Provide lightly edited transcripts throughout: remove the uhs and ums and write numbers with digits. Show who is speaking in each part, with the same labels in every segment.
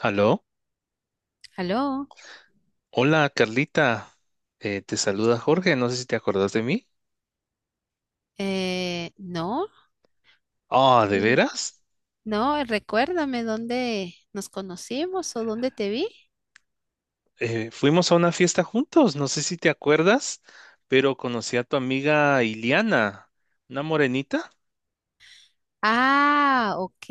Speaker 1: Aló,
Speaker 2: ¿Aló?
Speaker 1: hola Carlita, te saluda Jorge, no sé si te acordás de mí.
Speaker 2: No.
Speaker 1: Ah, ¿de
Speaker 2: Mm.
Speaker 1: veras?
Speaker 2: No, recuérdame dónde nos conocimos o dónde te vi.
Speaker 1: Fuimos a una fiesta juntos, no sé si te acuerdas, pero conocí a tu amiga Iliana, una morenita.
Speaker 2: Ah, ok,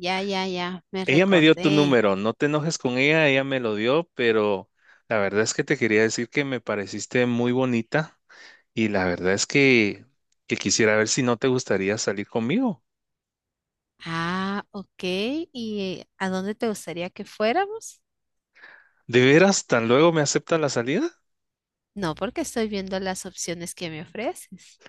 Speaker 2: ya, ya, ya, me
Speaker 1: Ella me dio tu
Speaker 2: recordé.
Speaker 1: número, no te enojes con ella, ella me lo dio, pero la verdad es que te quería decir que me pareciste muy bonita y la verdad es que quisiera ver si no te gustaría salir conmigo.
Speaker 2: Ah, ok, ¿y a dónde te gustaría que fuéramos?
Speaker 1: ¿De veras tan luego me acepta la salida?
Speaker 2: No, porque estoy viendo las opciones que me ofreces.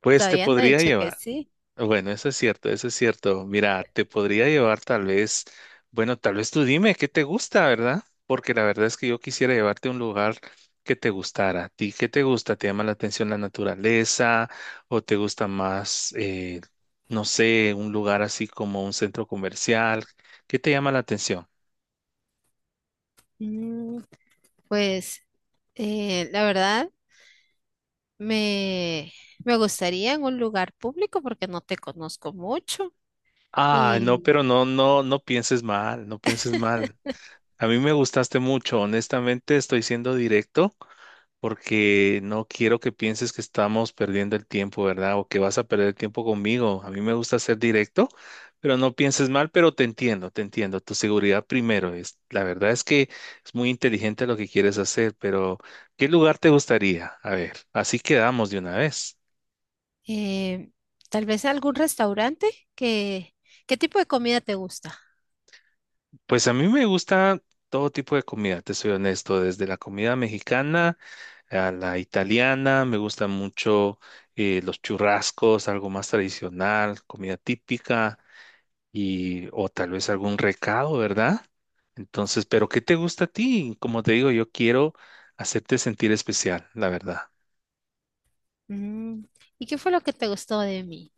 Speaker 1: Pues te
Speaker 2: Todavía no he
Speaker 1: podría
Speaker 2: dicho que
Speaker 1: llevar.
Speaker 2: sí.
Speaker 1: Bueno, eso es cierto, eso es cierto. Mira, te podría llevar tal vez, bueno, tal vez tú dime qué te gusta, ¿verdad? Porque la verdad es que yo quisiera llevarte a un lugar que te gustara. ¿A ti qué te gusta? ¿Te llama la atención la naturaleza o te gusta más, no sé, un lugar así como un centro comercial? ¿Qué te llama la atención?
Speaker 2: Mm, pues, la verdad, me, me gustaría en un lugar público porque no te conozco mucho.
Speaker 1: Ah, no,
Speaker 2: Y
Speaker 1: pero no, no, no pienses mal, no pienses mal. A mí me gustaste mucho, honestamente estoy siendo directo porque no quiero que pienses que estamos perdiendo el tiempo, ¿verdad? O que vas a perder el tiempo conmigo. A mí me gusta ser directo, pero no pienses mal, pero te entiendo, te entiendo. Tu seguridad primero es, la verdad es que es muy inteligente lo que quieres hacer, pero ¿qué lugar te gustaría? A ver, así quedamos de una vez.
Speaker 2: Eh, tal vez algún restaurante ¿qué tipo de comida te gusta?
Speaker 1: Pues a mí me gusta todo tipo de comida, te soy honesto, desde la comida mexicana a la italiana, me gustan mucho los churrascos, algo más tradicional, comida típica y o tal vez algún recado, ¿verdad? Entonces, pero ¿qué te gusta a ti? Como te digo, yo quiero hacerte sentir especial, la verdad.
Speaker 2: Mm, ¿y qué fue lo que te gustó de mí?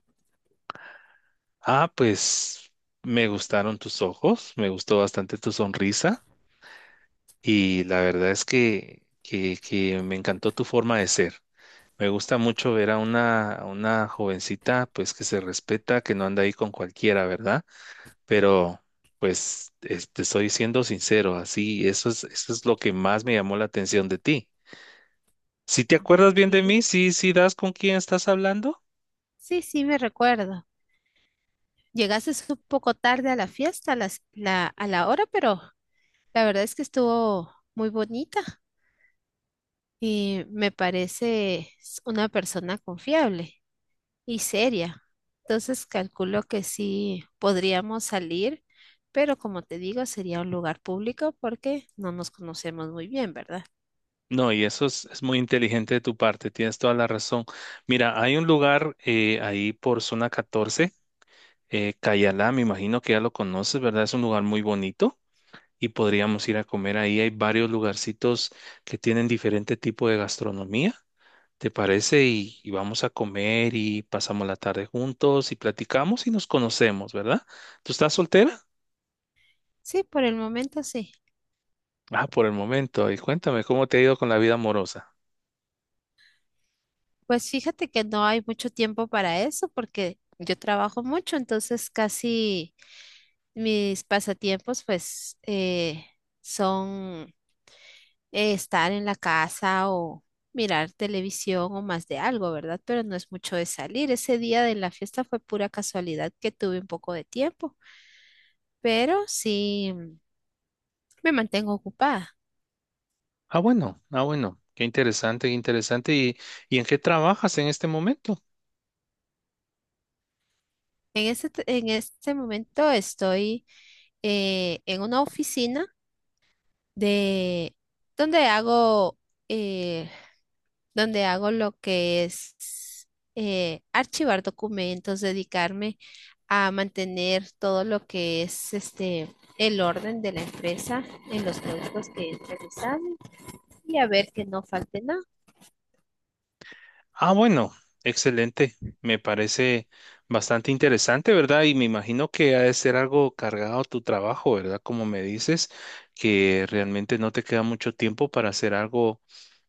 Speaker 1: Ah, pues me gustaron tus ojos, me gustó bastante tu sonrisa y la verdad es que me encantó tu forma de ser. Me gusta mucho ver a una jovencita, pues que se respeta, que no anda ahí con cualquiera, ¿verdad? Pero, pues, te estoy siendo sincero, así, eso es lo que más me llamó la atención de ti. Si te acuerdas
Speaker 2: Ok.
Speaker 1: bien de mí, sí, sí das con quién estás hablando.
Speaker 2: Sí, sí, me recuerdo. Llegaste un poco tarde a la fiesta, a la hora, pero la verdad es que estuvo muy bonita y me parece una persona confiable y seria. Entonces calculo que sí podríamos salir, pero como te digo, sería un lugar público porque no nos conocemos muy bien, ¿verdad?
Speaker 1: No, y eso es muy inteligente de tu parte, tienes toda la razón. Mira, hay un lugar ahí por zona 14, Cayalá, me imagino que ya lo conoces, ¿verdad? Es un lugar muy bonito y podríamos ir a comer ahí. Hay varios lugarcitos que tienen diferente tipo de gastronomía, ¿te parece? Y vamos a comer y pasamos la tarde juntos y platicamos y nos conocemos, ¿verdad? ¿Tú estás soltera?
Speaker 2: Sí, por el momento sí.
Speaker 1: Ah, por el momento. Y cuéntame, ¿cómo te ha ido con la vida amorosa?
Speaker 2: Pues fíjate que no hay mucho tiempo para eso porque yo trabajo mucho, entonces casi mis pasatiempos pues son, estar en la casa o mirar televisión o más de algo, ¿verdad? Pero no es mucho de salir. Ese día de la fiesta fue pura casualidad que tuve un poco de tiempo, pero sí, me mantengo ocupada.
Speaker 1: Ah, bueno, ah, bueno, qué interesante, qué interesante. ¿Y en qué trabajas en este momento?
Speaker 2: En este momento estoy, en una oficina de donde hago, eh, donde hago lo que es, archivar documentos, dedicarme a mantener todo lo que es este el orden de la empresa en los productos que realizamos y a ver que no falte nada.
Speaker 1: Ah, bueno, excelente. Me parece bastante interesante, ¿verdad? Y me imagino que ha de ser algo cargado tu trabajo, ¿verdad? Como me dices, que realmente no te queda mucho tiempo para hacer algo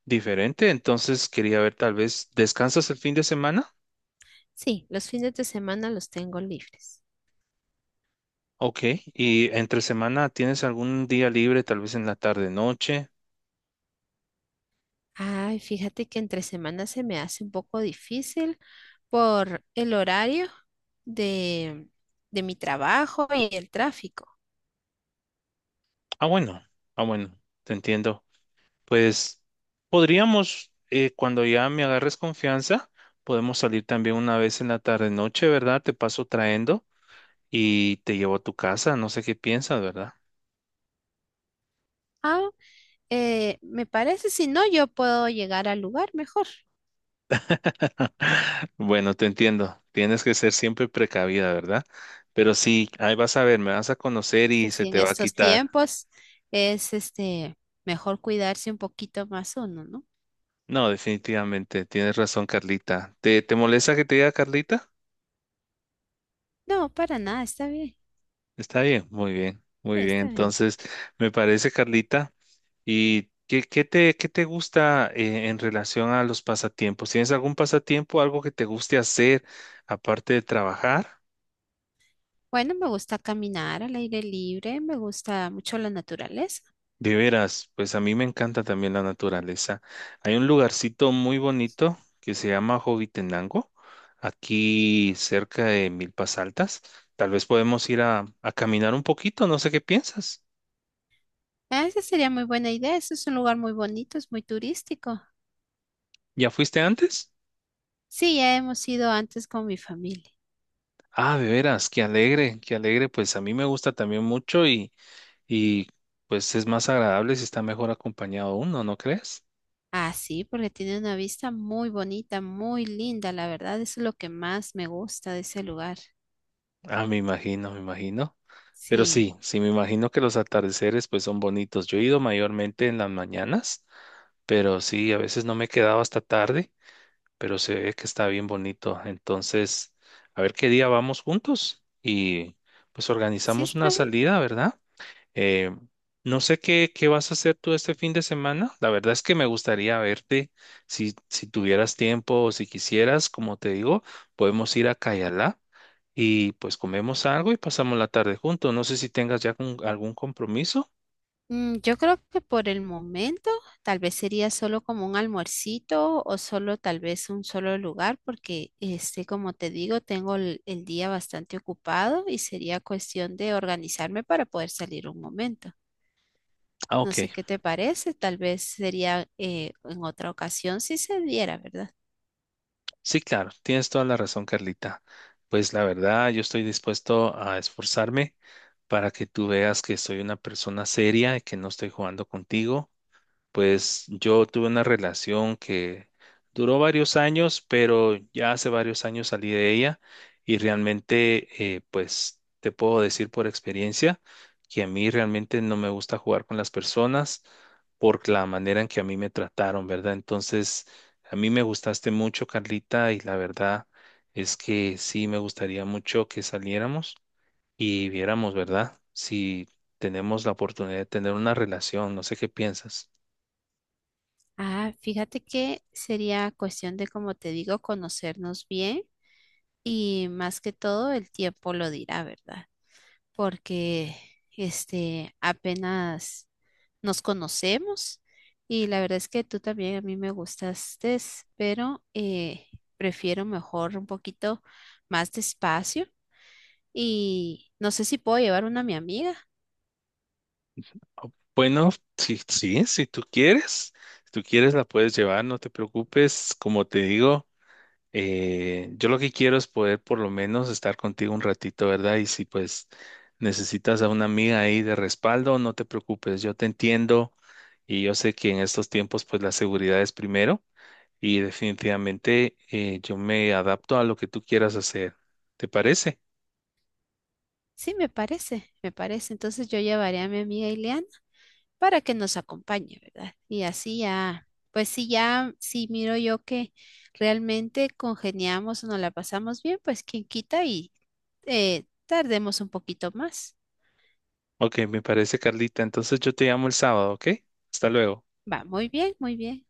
Speaker 1: diferente. Entonces, quería ver, tal vez, ¿descansas el fin de semana?
Speaker 2: Sí, los fines de semana los tengo libres.
Speaker 1: Ok. ¿Y entre semana tienes algún día libre, tal vez en la tarde, noche?
Speaker 2: Ay, fíjate que entre semanas se me hace un poco difícil por el horario de, de mi trabajo y el tráfico.
Speaker 1: Ah, bueno, ah, bueno, te entiendo. Pues podríamos, cuando ya me agarres confianza, podemos salir también una vez en la tarde noche, ¿verdad? Te paso trayendo y te llevo a tu casa, no sé qué piensas, ¿verdad?
Speaker 2: Ah, me parece, si no, yo puedo llegar al lugar mejor.
Speaker 1: Bueno, te entiendo. Tienes que ser siempre precavida, ¿verdad? Pero sí, ahí vas a ver, me vas a conocer
Speaker 2: Es
Speaker 1: y
Speaker 2: que
Speaker 1: se
Speaker 2: si en
Speaker 1: te va a
Speaker 2: estos
Speaker 1: quitar.
Speaker 2: tiempos es este mejor cuidarse un poquito más uno, ¿no?
Speaker 1: No, definitivamente, tienes razón, Carlita. Te molesta que te diga Carlita?
Speaker 2: No, para nada, está bien,
Speaker 1: Está bien, muy bien, muy bien.
Speaker 2: está bien.
Speaker 1: Entonces, me parece, Carlita. ¿Y qué, qué te gusta en relación a los pasatiempos? ¿Tienes algún pasatiempo, algo que te guste hacer aparte de trabajar?
Speaker 2: Bueno, me gusta caminar al aire libre, me gusta mucho la naturaleza.
Speaker 1: De veras, pues a mí me encanta también la naturaleza. Hay un lugarcito muy bonito que se llama Jovitenango, aquí cerca de Milpas Altas. Tal vez podemos ir a caminar un poquito, no sé qué piensas.
Speaker 2: Ah, esa sería muy buena idea. Ese es un lugar muy bonito, es muy turístico.
Speaker 1: ¿Ya fuiste antes?
Speaker 2: Sí, ya hemos ido antes con mi familia.
Speaker 1: Ah, de veras, qué alegre, qué alegre. Pues a mí me gusta también mucho y pues es más agradable si está mejor acompañado uno, ¿no crees?
Speaker 2: Ah, sí, porque tiene una vista muy bonita, muy linda, la verdad. Eso es lo que más me gusta de ese lugar.
Speaker 1: Ah, me imagino, me imagino. Pero
Speaker 2: Sí,
Speaker 1: sí, sí, me imagino que los atardeceres pues son bonitos. Yo he ido mayormente en las mañanas, pero sí, a veces no me he quedado hasta tarde, pero se ve que está bien bonito. Entonces, a ver qué día vamos juntos y pues
Speaker 2: sí
Speaker 1: organizamos
Speaker 2: está
Speaker 1: una
Speaker 2: bien.
Speaker 1: salida, ¿verdad? Eh, no sé qué, qué vas a hacer tú este fin de semana. La verdad es que me gustaría verte si tuvieras tiempo o si quisieras, como te digo, podemos ir a Cayalá y pues comemos algo y pasamos la tarde juntos. No sé si tengas ya algún compromiso.
Speaker 2: Mm, yo creo que por el momento tal vez sería solo como un almuercito o solo tal vez un solo lugar, porque este, como te digo, tengo el día bastante ocupado y sería cuestión de organizarme para poder salir un momento.
Speaker 1: Ah,
Speaker 2: No
Speaker 1: ok.
Speaker 2: sé qué te parece, tal vez sería, en otra ocasión si se diera, ¿verdad?
Speaker 1: Sí, claro, tienes toda la razón, Carlita. Pues la verdad, yo estoy dispuesto a esforzarme para que tú veas que soy una persona seria y que no estoy jugando contigo. Pues yo tuve una relación que duró varios años, pero ya hace varios años salí de ella y realmente, pues te puedo decir por experiencia que a mí realmente no me gusta jugar con las personas por la manera en que a mí me trataron, ¿verdad? Entonces, a mí me gustaste mucho, Carlita, y la verdad es que sí me gustaría mucho que saliéramos y viéramos, ¿verdad? Si tenemos la oportunidad de tener una relación, no sé qué piensas.
Speaker 2: Ah, fíjate que sería cuestión de, como te digo, conocernos bien y más que todo el tiempo lo dirá, ¿verdad? Porque este apenas nos conocemos y la verdad es que tú también a mí me gustaste, pero prefiero mejor un poquito más despacio y no sé si puedo llevar una a mi amiga.
Speaker 1: Bueno, sí, sí, si tú quieres, si tú quieres la puedes llevar, no te preocupes. Como te digo, yo lo que quiero es poder por lo menos estar contigo un ratito, ¿verdad? Y si pues necesitas a una amiga ahí de respaldo, no te preocupes, yo te entiendo y yo sé que en estos tiempos pues la seguridad es primero y definitivamente yo me adapto a lo que tú quieras hacer. ¿Te parece?
Speaker 2: Sí, me parece, me parece. Entonces yo llevaré a mi amiga Ileana para que nos acompañe, ¿verdad? Y así ya, pues sí, ya, si miro yo que realmente congeniamos o nos la pasamos bien, pues quien quita y, tardemos un poquito más.
Speaker 1: Ok, me parece, Carlita. Entonces yo te llamo el sábado, ¿ok? Hasta luego.
Speaker 2: Va, muy bien, muy bien.